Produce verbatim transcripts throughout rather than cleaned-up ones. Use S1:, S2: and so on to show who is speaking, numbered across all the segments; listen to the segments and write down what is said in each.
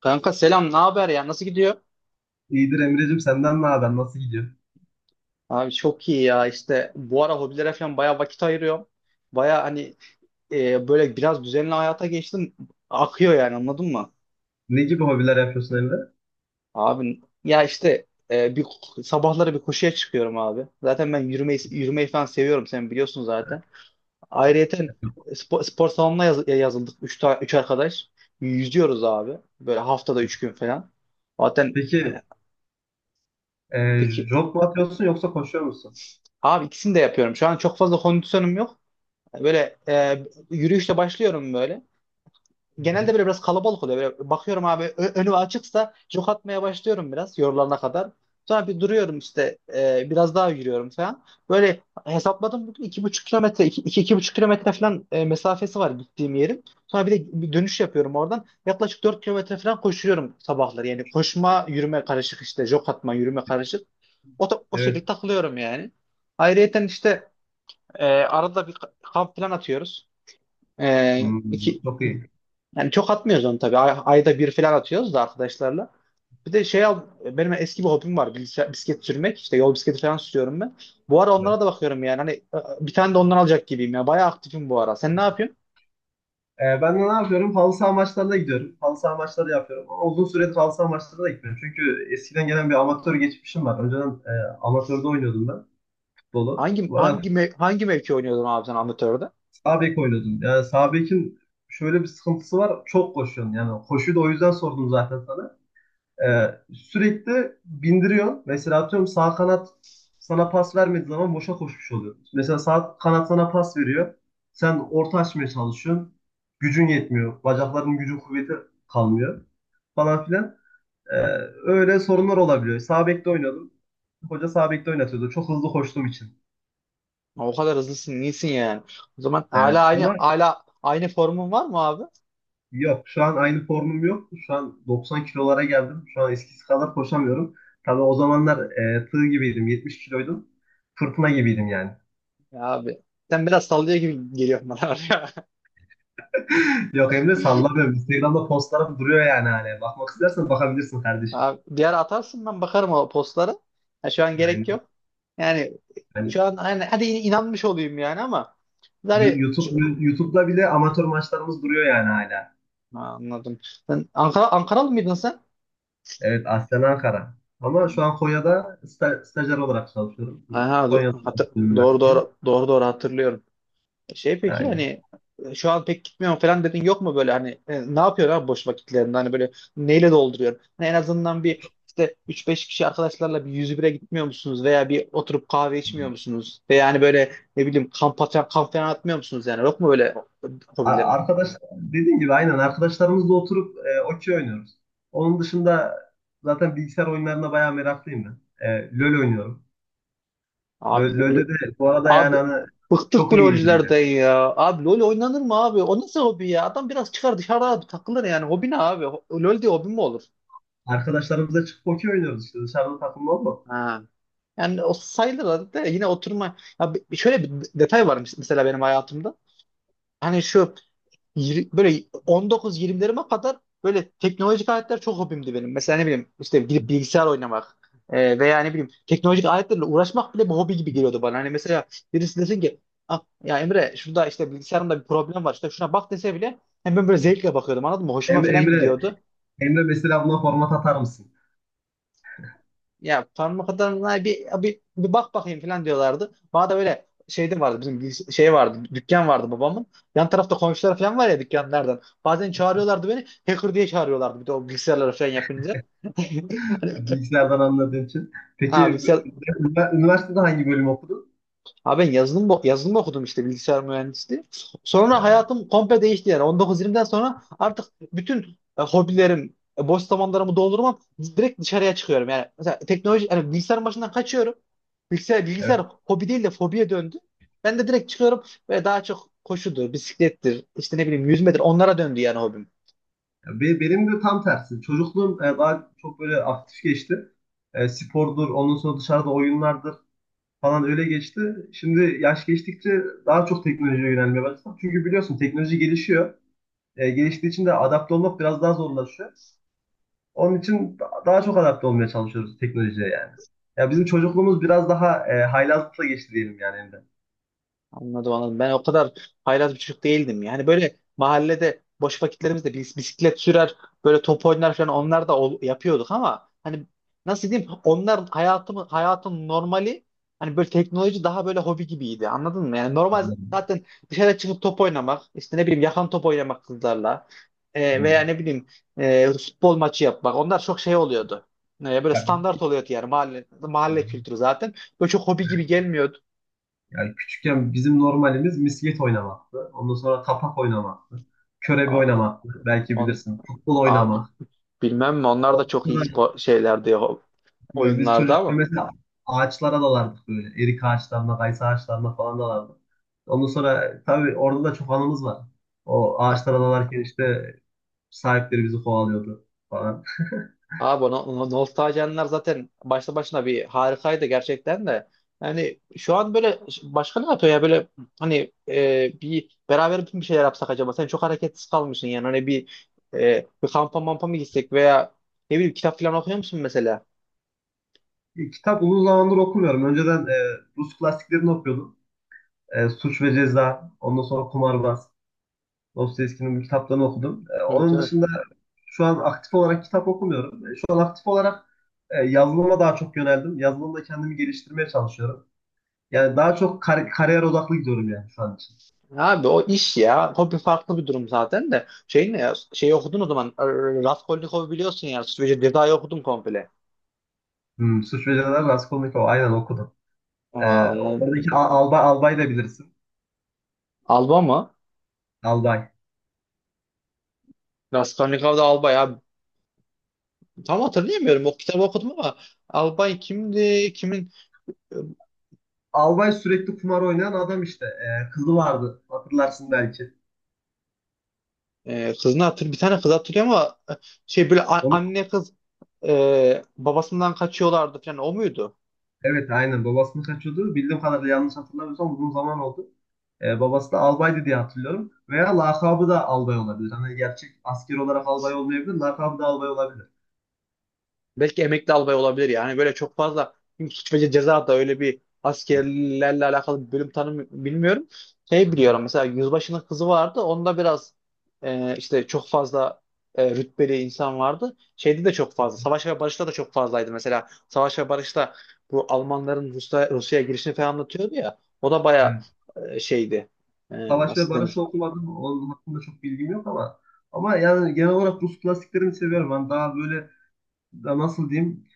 S1: Kanka selam, ne haber ya? Nasıl gidiyor?
S2: İyidir Emre'cim, senden ne haber? Nasıl gidiyor?
S1: Abi çok iyi ya. İşte bu ara hobilere falan bayağı vakit ayırıyorum. Bayağı hani e, böyle biraz düzenli hayata geçtim. Akıyor yani anladın mı?
S2: Ne gibi hobiler yapıyorsun Emre?
S1: Abi ya işte e, bir sabahları bir koşuya çıkıyorum abi. Zaten ben yürümeyi yürümeyi falan seviyorum sen biliyorsun zaten. Ayrıyeten spor, spor salonuna yaz- yazıldık üç ta, üç arkadaş. Yüzüyoruz abi. Böyle haftada üç gün falan. Zaten e,
S2: Peki e,
S1: peki
S2: jog mu atıyorsun yoksa koşuyor musun?
S1: abi ikisini de yapıyorum. Şu an çok fazla kondisyonum yok. Böyle e, yürüyüşle başlıyorum böyle. Genelde
S2: Hı-hı.
S1: böyle biraz kalabalık oluyor. Böyle bakıyorum abi ö- önü açıksa jog atmaya başlıyorum biraz yorulana kadar. Sonra bir duruyorum işte e, biraz daha yürüyorum falan. Böyle hesapladım bugün iki buçuk kilometre iki, iki, iki buçuk kilometre falan e, mesafesi var gittiğim yerin. Sonra bir de bir dönüş yapıyorum oradan. Yaklaşık dört kilometre falan koşuyorum sabahları. Yani koşma yürüme karışık işte jog atma yürüme karışık. O, ta- o şekilde
S2: Evet.
S1: takılıyorum yani. Ayrıyeten işte e, arada bir kamp falan atıyoruz. Ee,
S2: Hmm,
S1: iki,
S2: çok iyi.
S1: Yani çok atmıyoruz onu tabii. Ay- ayda bir falan atıyoruz da arkadaşlarla. Bir de şey al, benim eski bir hobim var. Bilgisayar, bisiklet sürmek. İşte yol bisikleti falan sürüyorum ben. Bu ara
S2: Evet.
S1: onlara da bakıyorum yani. Hani e, bir tane de ondan alacak gibiyim ya. Bayağı aktifim bu ara. Sen ne yapıyorsun?
S2: E, ben de ne yapıyorum? Halı saha maçlarına gidiyorum. Halı saha maçları yapıyorum. Ama uzun süredir halı saha maçlarına da gitmiyorum. Çünkü eskiden gelen bir amatör geçmişim var. Önceden e, amatörde oynuyordum ben futbolu.
S1: Hangi
S2: Bu arada
S1: hangi mev- hangi mevki oynuyordun abi sen amatörde?
S2: sağ bek oynuyordum. Yani sağ bekin şöyle bir sıkıntısı var. Çok koşuyorsun. Yani koşuyu da o yüzden sordum zaten sana. Ee, sürekli bindiriyor. Mesela atıyorum, sağ kanat sana pas vermediği zaman boşa koşmuş oluyor. Mesela sağ kanat sana pas veriyor. Sen orta açmaya çalışıyorsun. Gücün yetmiyor. Bacakların gücü kuvveti kalmıyor falan filan. Ee, Öyle sorunlar olabiliyor. Sağ bekte oynadım. Hoca sağ bekte oynatıyordu, çok hızlı koştuğum için.
S1: O kadar hızlısın, iyisin yani. O zaman
S2: Evet.
S1: hala aynı
S2: Ama
S1: hala aynı formun var mı abi?
S2: yok, şu an aynı formum yok. Şu an doksan kilolara geldim. Şu an eskisi kadar koşamıyorum. Tabii o zamanlar e, tığ gibiydim. yetmiş kiloydum. Fırtına gibiydim yani.
S1: Ya abi sen biraz sallıyor gibi geliyor bana var ya.
S2: Yok Emre, sallamıyorum. Instagram'da postlarım duruyor yani hani. Bakmak istersen bakabilirsin kardeşim.
S1: Abi, bir ara atarsın ben bakarım o postları. Ha, şu an
S2: Yani
S1: gerek yok. Yani
S2: hani
S1: şu an hani hadi inanmış olayım yani ama
S2: Yu-
S1: yani.
S2: YouTube,
S1: şu-
S2: YouTube'da bile amatör maçlarımız duruyor yani hala.
S1: Ha, anladım. Sen Ankara Ankaralı mıydın sen?
S2: Evet, aslen Ankara. Ama
S1: Hmm.
S2: şu an Konya'da sta- stajyer olarak çalışıyorum.
S1: Aha, do-
S2: Konya'da
S1: hatır- doğru
S2: üniversite.
S1: doğru doğru doğru hatırlıyorum. Şey peki
S2: Aynen.
S1: hani e, şu an pek gitmiyorum falan dedin yok mu böyle hani e, ne yapıyorsun abi boş vakitlerinde hani böyle neyle dolduruyorsun? Hani en azından bir işte üç beş kişi arkadaşlarla bir yüz bire gitmiyor musunuz veya bir oturup kahve içmiyor musunuz? Veya hani böyle ne bileyim kamp atan kamp falan atmıyor musunuz yani yok mu böyle
S2: A-
S1: hobilerin?
S2: Arkadaş, dediğim gibi, aynen arkadaşlarımızla oturup e, okey oynuyoruz. Onun dışında zaten bilgisayar oyunlarına bayağı meraklıyım ben. E, LoL oynuyorum. Lö-
S1: Abi
S2: LoL'de de bu arada yani
S1: Abi
S2: hani
S1: bıktık bu
S2: çok iyiyimdir yani.
S1: LoL'lerden ya. Abi LoL oynanır mı abi? O nasıl hobi ya? Adam biraz çıkar dışarı abi takılır yani. Hobi ne abi? Ho- LoL diye hobi mi olur?
S2: Arkadaşlarımızla çıkıp okey oynuyoruz işte dışarıda takımda olma.
S1: Ha. Yani o sayılır da yine oturma. Ya bi- şöyle bir detay var mes- mesela benim hayatımda. Hani şu yir- böyle on dokuz yirmilerime kadar böyle teknolojik aletler çok hobimdi benim. Mesela ne bileyim işte gidip bilgisayar oynamak e, veya ne bileyim teknolojik aletlerle uğraşmak bile bir hobi gibi geliyordu bana. Hani mesela birisi desin ki ah, ya Emre şurada işte bilgisayarımda bir problem var işte şuna bak dese bile hem ben böyle zevkle bakıyordum anladın mı? Hoşuma
S2: Emre,
S1: falan
S2: Emre,
S1: gidiyordu.
S2: Emre mesela buna format atar mısın?
S1: Ya parmak adamına bir, bir, bir bak bakayım falan diyorlardı. Bana da böyle şeyde vardı bizim bir şey vardı dükkan vardı babamın. Yan tarafta komşular falan var ya dükkanlardan. Bazen çağırıyorlardı beni hacker diye çağırıyorlardı bir de o bilgisayarlara falan yapınca. Hani.
S2: Bilgisayardan anladığın için.
S1: Ha,
S2: Peki,
S1: bilgisayar.
S2: ünivers- üniversitede hangi bölüm okudun?
S1: Abi ben yazılım, bo- yazılım okudum işte bilgisayar mühendisliği. Sonra hayatım komple değişti yani. on dokuz yirmiden sonra artık bütün e, hobilerim, e, boş zamanlarımı doldurmam direkt dışarıya çıkıyorum. Yani mesela teknoloji, yani bilgisayarın başından kaçıyorum. Bilgisayar, bilgisayar
S2: Evet.
S1: hobi değil de fobiye döndü. Ben de direkt çıkıyorum ve daha çok koşudur, bisiklettir, işte ne bileyim yüzmedir onlara döndü yani hobim.
S2: Be- Benim de tam tersi. Çocukluğum e, daha çok böyle aktif geçti. E, spordur, ondan sonra dışarıda oyunlardır falan, öyle geçti. Şimdi yaş geçtikçe daha çok teknolojiye yönelmeye başladım. Çünkü biliyorsun teknoloji gelişiyor. E, geliştiği için de adapte olmak biraz daha zorlaşıyor. Onun için da- daha çok adapte olmaya çalışıyoruz teknolojiye yani. Ya bizim çocukluğumuz biraz daha e, haylazlıkla geçti diyelim yani, elinde.
S1: Anladım anladım. Ben o kadar haylaz bir çocuk değildim. Yani böyle mahallede boş vakitlerimizde bis- bisiklet sürer, böyle top oynar falan onlar da ol- yapıyorduk ama hani nasıl diyeyim onlar hayatımı hayatın normali hani böyle teknoloji daha böyle hobi gibiydi. Anladın mı? Yani normal
S2: Anladım.
S1: zaten dışarı çıkıp top oynamak, işte ne bileyim yakan top oynamak kızlarla e, veya
S2: Hmm.
S1: ne bileyim e, futbol maçı yapmak. Onlar çok şey oluyordu. E, böyle
S2: Ya,
S1: standart oluyordu yani mahalle mahalle kültürü zaten. Böyle çok hobi gibi gelmiyordu.
S2: yani küçükken bizim normalimiz misket oynamaktı. Ondan sonra tapak oynamaktı. Körebe
S1: O-
S2: oynamaktı. Belki
S1: On,
S2: bilirsin. Futbol
S1: Abi
S2: oynamak.
S1: bilmem mi onlar da çok iyi spor şeylerdi ya,
S2: Bilmiyorum, biz
S1: oyunlarda
S2: çocukken
S1: ama.
S2: mesela ağaçlara dalardık böyle. Erik ağaçlarına, kayısı ağaçlarına falan dalardık. Ondan sonra tabii orada da çok anımız var. O ağaçlara dalarken işte sahipleri bizi kovalıyordu falan.
S1: Abi o no- no- nostaljenler zaten başta başına bir harikaydı gerçekten de. Yani şu an böyle başka ne yapıyor ya böyle hani e, bir beraber bütün bir şeyler yapsak acaba? Sen çok hareketsiz kalmışsın yani hani bir e, bir kampa mampa mı gitsek veya ne bileyim kitap falan okuyor musun mesela?
S2: E, kitap uzun zamandır okumuyorum. Önceden e, Rus klasiklerini okuyordum. E, Suç ve Ceza, ondan sonra Kumarbaz, Dostoyevski'nin bu kitaplarını okudum. E,
S1: Evet
S2: onun
S1: evet.
S2: dışında şu an aktif olarak kitap okumuyorum. E, şu an aktif olarak e, yazılıma daha çok yöneldim. Yazılımda kendimi geliştirmeye çalışıyorum. Yani daha çok kar- kariyer odaklı gidiyorum yani şu an için.
S1: Abi o iş ya. Hobi farklı bir durum zaten de. Şey ne ya? Şeyi okudun o zaman. e, Raskolnikov'u biliyorsun ya. Suç ve Ceza'yı okudun komple.
S2: Hmm, Suç ve Ceza, Raskolnikov, aynen, okudum. Ee,
S1: Aa, anladım.
S2: oradaki Al- albay, albay da bilirsin.
S1: Alba mı?
S2: Albay.
S1: Raskolnikov'da Alba ya. Tam hatırlayamıyorum. O kitabı okudum ama Albay kimdi? Kimin
S2: Albay sürekli kumar oynayan adam işte. Ee, kızı vardı, hatırlarsın belki.
S1: e, kızını hatır bir tane kız hatırlıyor ama e, şey böyle a-
S2: Onu,
S1: anne kız e, babasından kaçıyorlardı falan o muydu?
S2: evet, aynen, babasını kaçıyordu. Bildiğim kadarıyla, yanlış hatırlamıyorsam, uzun zaman oldu. Ee, babası da albaydı diye hatırlıyorum. Veya lakabı da albay olabilir. Hani gerçek asker olarak albay olmayabilir. Lakabı da albay olabilir.
S1: Belki emekli albay olabilir yani. Böyle çok fazla çünkü Suç ve Ceza da öyle bir askerlerle alakalı bir bölüm tanım bilmiyorum. Şey biliyorum mesela Yüzbaşı'nın kızı vardı. Onda biraz e, işte çok fazla e, rütbeli insan vardı. Şeyde de çok fazla. Savaş ve Barış'ta da çok fazlaydı. Mesela Savaş ve Barış'ta bu Almanların Rusya, Rusya'ya girişini falan anlatıyordu ya. O da bayağı e, şeydi. E,
S2: Savaş ve
S1: nasıl
S2: barış
S1: denir?
S2: okumadım. Onun hakkında çok bilgim yok ama ama yani genel olarak Rus klasiklerini seviyorum. Ben daha böyle da nasıl diyeyim,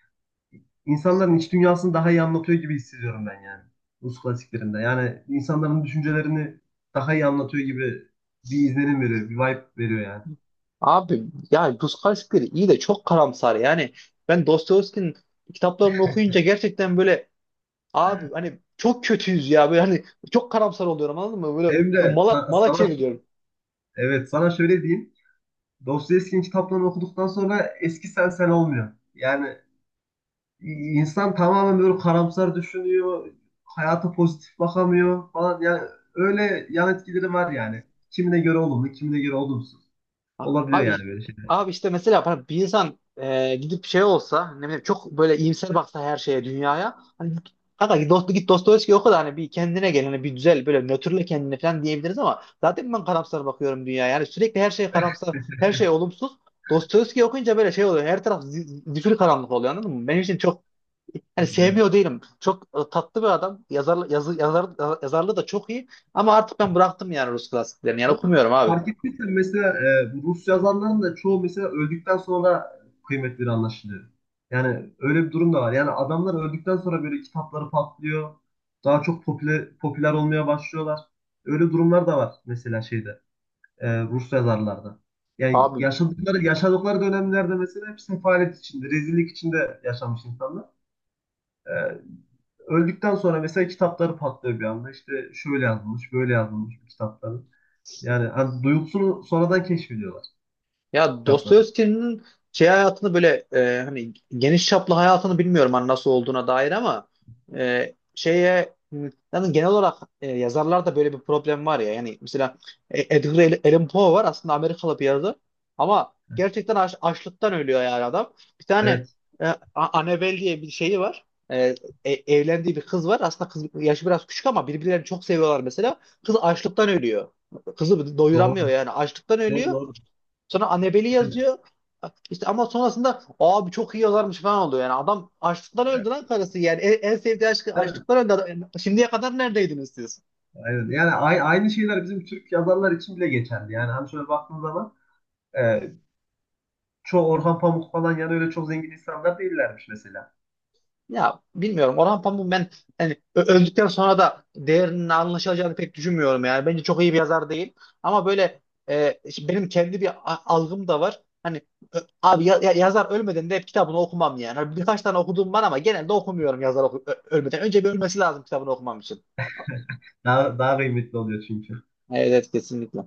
S2: insanların iç dünyasını daha iyi anlatıyor gibi hissediyorum ben yani. Rus klasiklerinde. Yani insanların düşüncelerini daha iyi anlatıyor gibi bir izlenim veriyor, bir vibe veriyor yani.
S1: Abi yani Puskás bir iyi de çok karamsar yani. Ben Dostoyevski'nin kitaplarını okuyunca gerçekten böyle abi hani çok kötüyüz ya böyle hani çok karamsar oluyorum anladın mı? Böyle
S2: Hem de
S1: mala,
S2: sa-
S1: mala
S2: sana,
S1: çeviriyorum.
S2: evet, sana şöyle diyeyim. Dostoyevski'nin kitaplarını okuduktan sonra eski sen sen olmuyor. Yani İnsan tamamen böyle karamsar düşünüyor, hayata pozitif bakamıyor falan. Yani öyle yan etkileri var yani. Kimine göre olumlu, kimine göre olumsuz.
S1: A-
S2: Olabiliyor
S1: Abi
S2: yani böyle şeyler.
S1: abi işte mesela bana bir insan e, gidip şey olsa ne bileyim çok böyle iyimser baksa her şeye dünyaya hani kanka git dost git Dostoyevski oku da hani bir kendine gel hani bir güzel böyle nötrle kendine falan diyebiliriz ama zaten ben karamsar bakıyorum dünyaya yani sürekli her şey karamsar her şey olumsuz Dostoyevski okuyunca böyle şey oluyor her taraf zi- zifiri karanlık oluyor anladın mı? Benim için çok hani
S2: Evet.
S1: sevmiyor değilim. Çok e, tatlı bir adam. Yazar, yazı, yazar, yazarlığı da çok iyi. Ama artık ben bıraktım yani Rus klasiklerini. Yani
S2: Ama
S1: okumuyorum abi.
S2: fark ettiysen mesela e, bu Rus yazarların da çoğu mesela öldükten sonra kıymetleri anlaşılıyor. Yani öyle bir durum da var. Yani adamlar öldükten sonra böyle kitapları patlıyor. Daha çok popüler, popüler olmaya başlıyorlar. Öyle durumlar da var mesela şeyde. E, Rus yazarlarda. Yani
S1: Abi,
S2: yaşadıkları, yaşadıkları dönemlerde mesela hep sefalet içinde, rezillik içinde yaşamış insanlar. E, öldükten sonra mesela kitapları patlıyor bir anda. İşte şöyle yazılmış, böyle yazılmış bu kitapların. Yani hani duygusunu sonradan keşfediyorlar
S1: ya
S2: kitapları.
S1: Dostoyevski'nin şey hayatını böyle e, hani geniş çaplı hayatını bilmiyorum hani nasıl olduğuna dair ama e, şeye m, yani genel olarak e, yazarlarda böyle bir problem var ya yani mesela E- Edgar Allan Poe var aslında Amerikalı bir yazar ama gerçekten aç- açlıktan ölüyor yani adam. Bir tane
S2: Evet,
S1: e, A- Annabelle diye bir şeyi var. E, e- Evlendiği bir kız var. Aslında kız yaşı biraz küçük ama birbirlerini çok seviyorlar mesela. Kız açlıktan ölüyor. Kızı doyuramıyor
S2: doğru.
S1: yani açlıktan
S2: Doğru,
S1: ölüyor.
S2: doğru.
S1: Sonra Annabelle'i
S2: Yani,
S1: yazıyor. İşte ama sonrasında abi çok iyi yazarmış falan oluyor. Yani adam açlıktan öldü
S2: yani,
S1: lan karısı. Yani en, en sevdiği aşkı açlıktan öldü. Yani şimdiye kadar neredeydiniz siz?
S2: aynen. Yani a- aynı şeyler bizim Türk yazarlar için bile geçerli. Yani hani şöyle baktığın zaman e, çoğu Orhan Pamuk falan, yani öyle çok zengin insanlar değillermiş mesela.
S1: Ya bilmiyorum. Orhan Pamuk ben hani ö- öldükten sonra da değerinin anlaşılacağını pek düşünmüyorum yani. Bence çok iyi bir yazar değil. Ama böyle e, şimdi benim kendi bir a- algım da var. Hani ö- abi ya- ya- yazar ölmeden de hep kitabını okumam yani. Hani birkaç tane okuduğum var ama genelde okumuyorum yazar oku- ö- ölmeden. Önce bir ölmesi lazım kitabını okumam için.
S2: Daha, daha kıymetli oluyor çünkü.
S1: Evet, evet kesinlikle.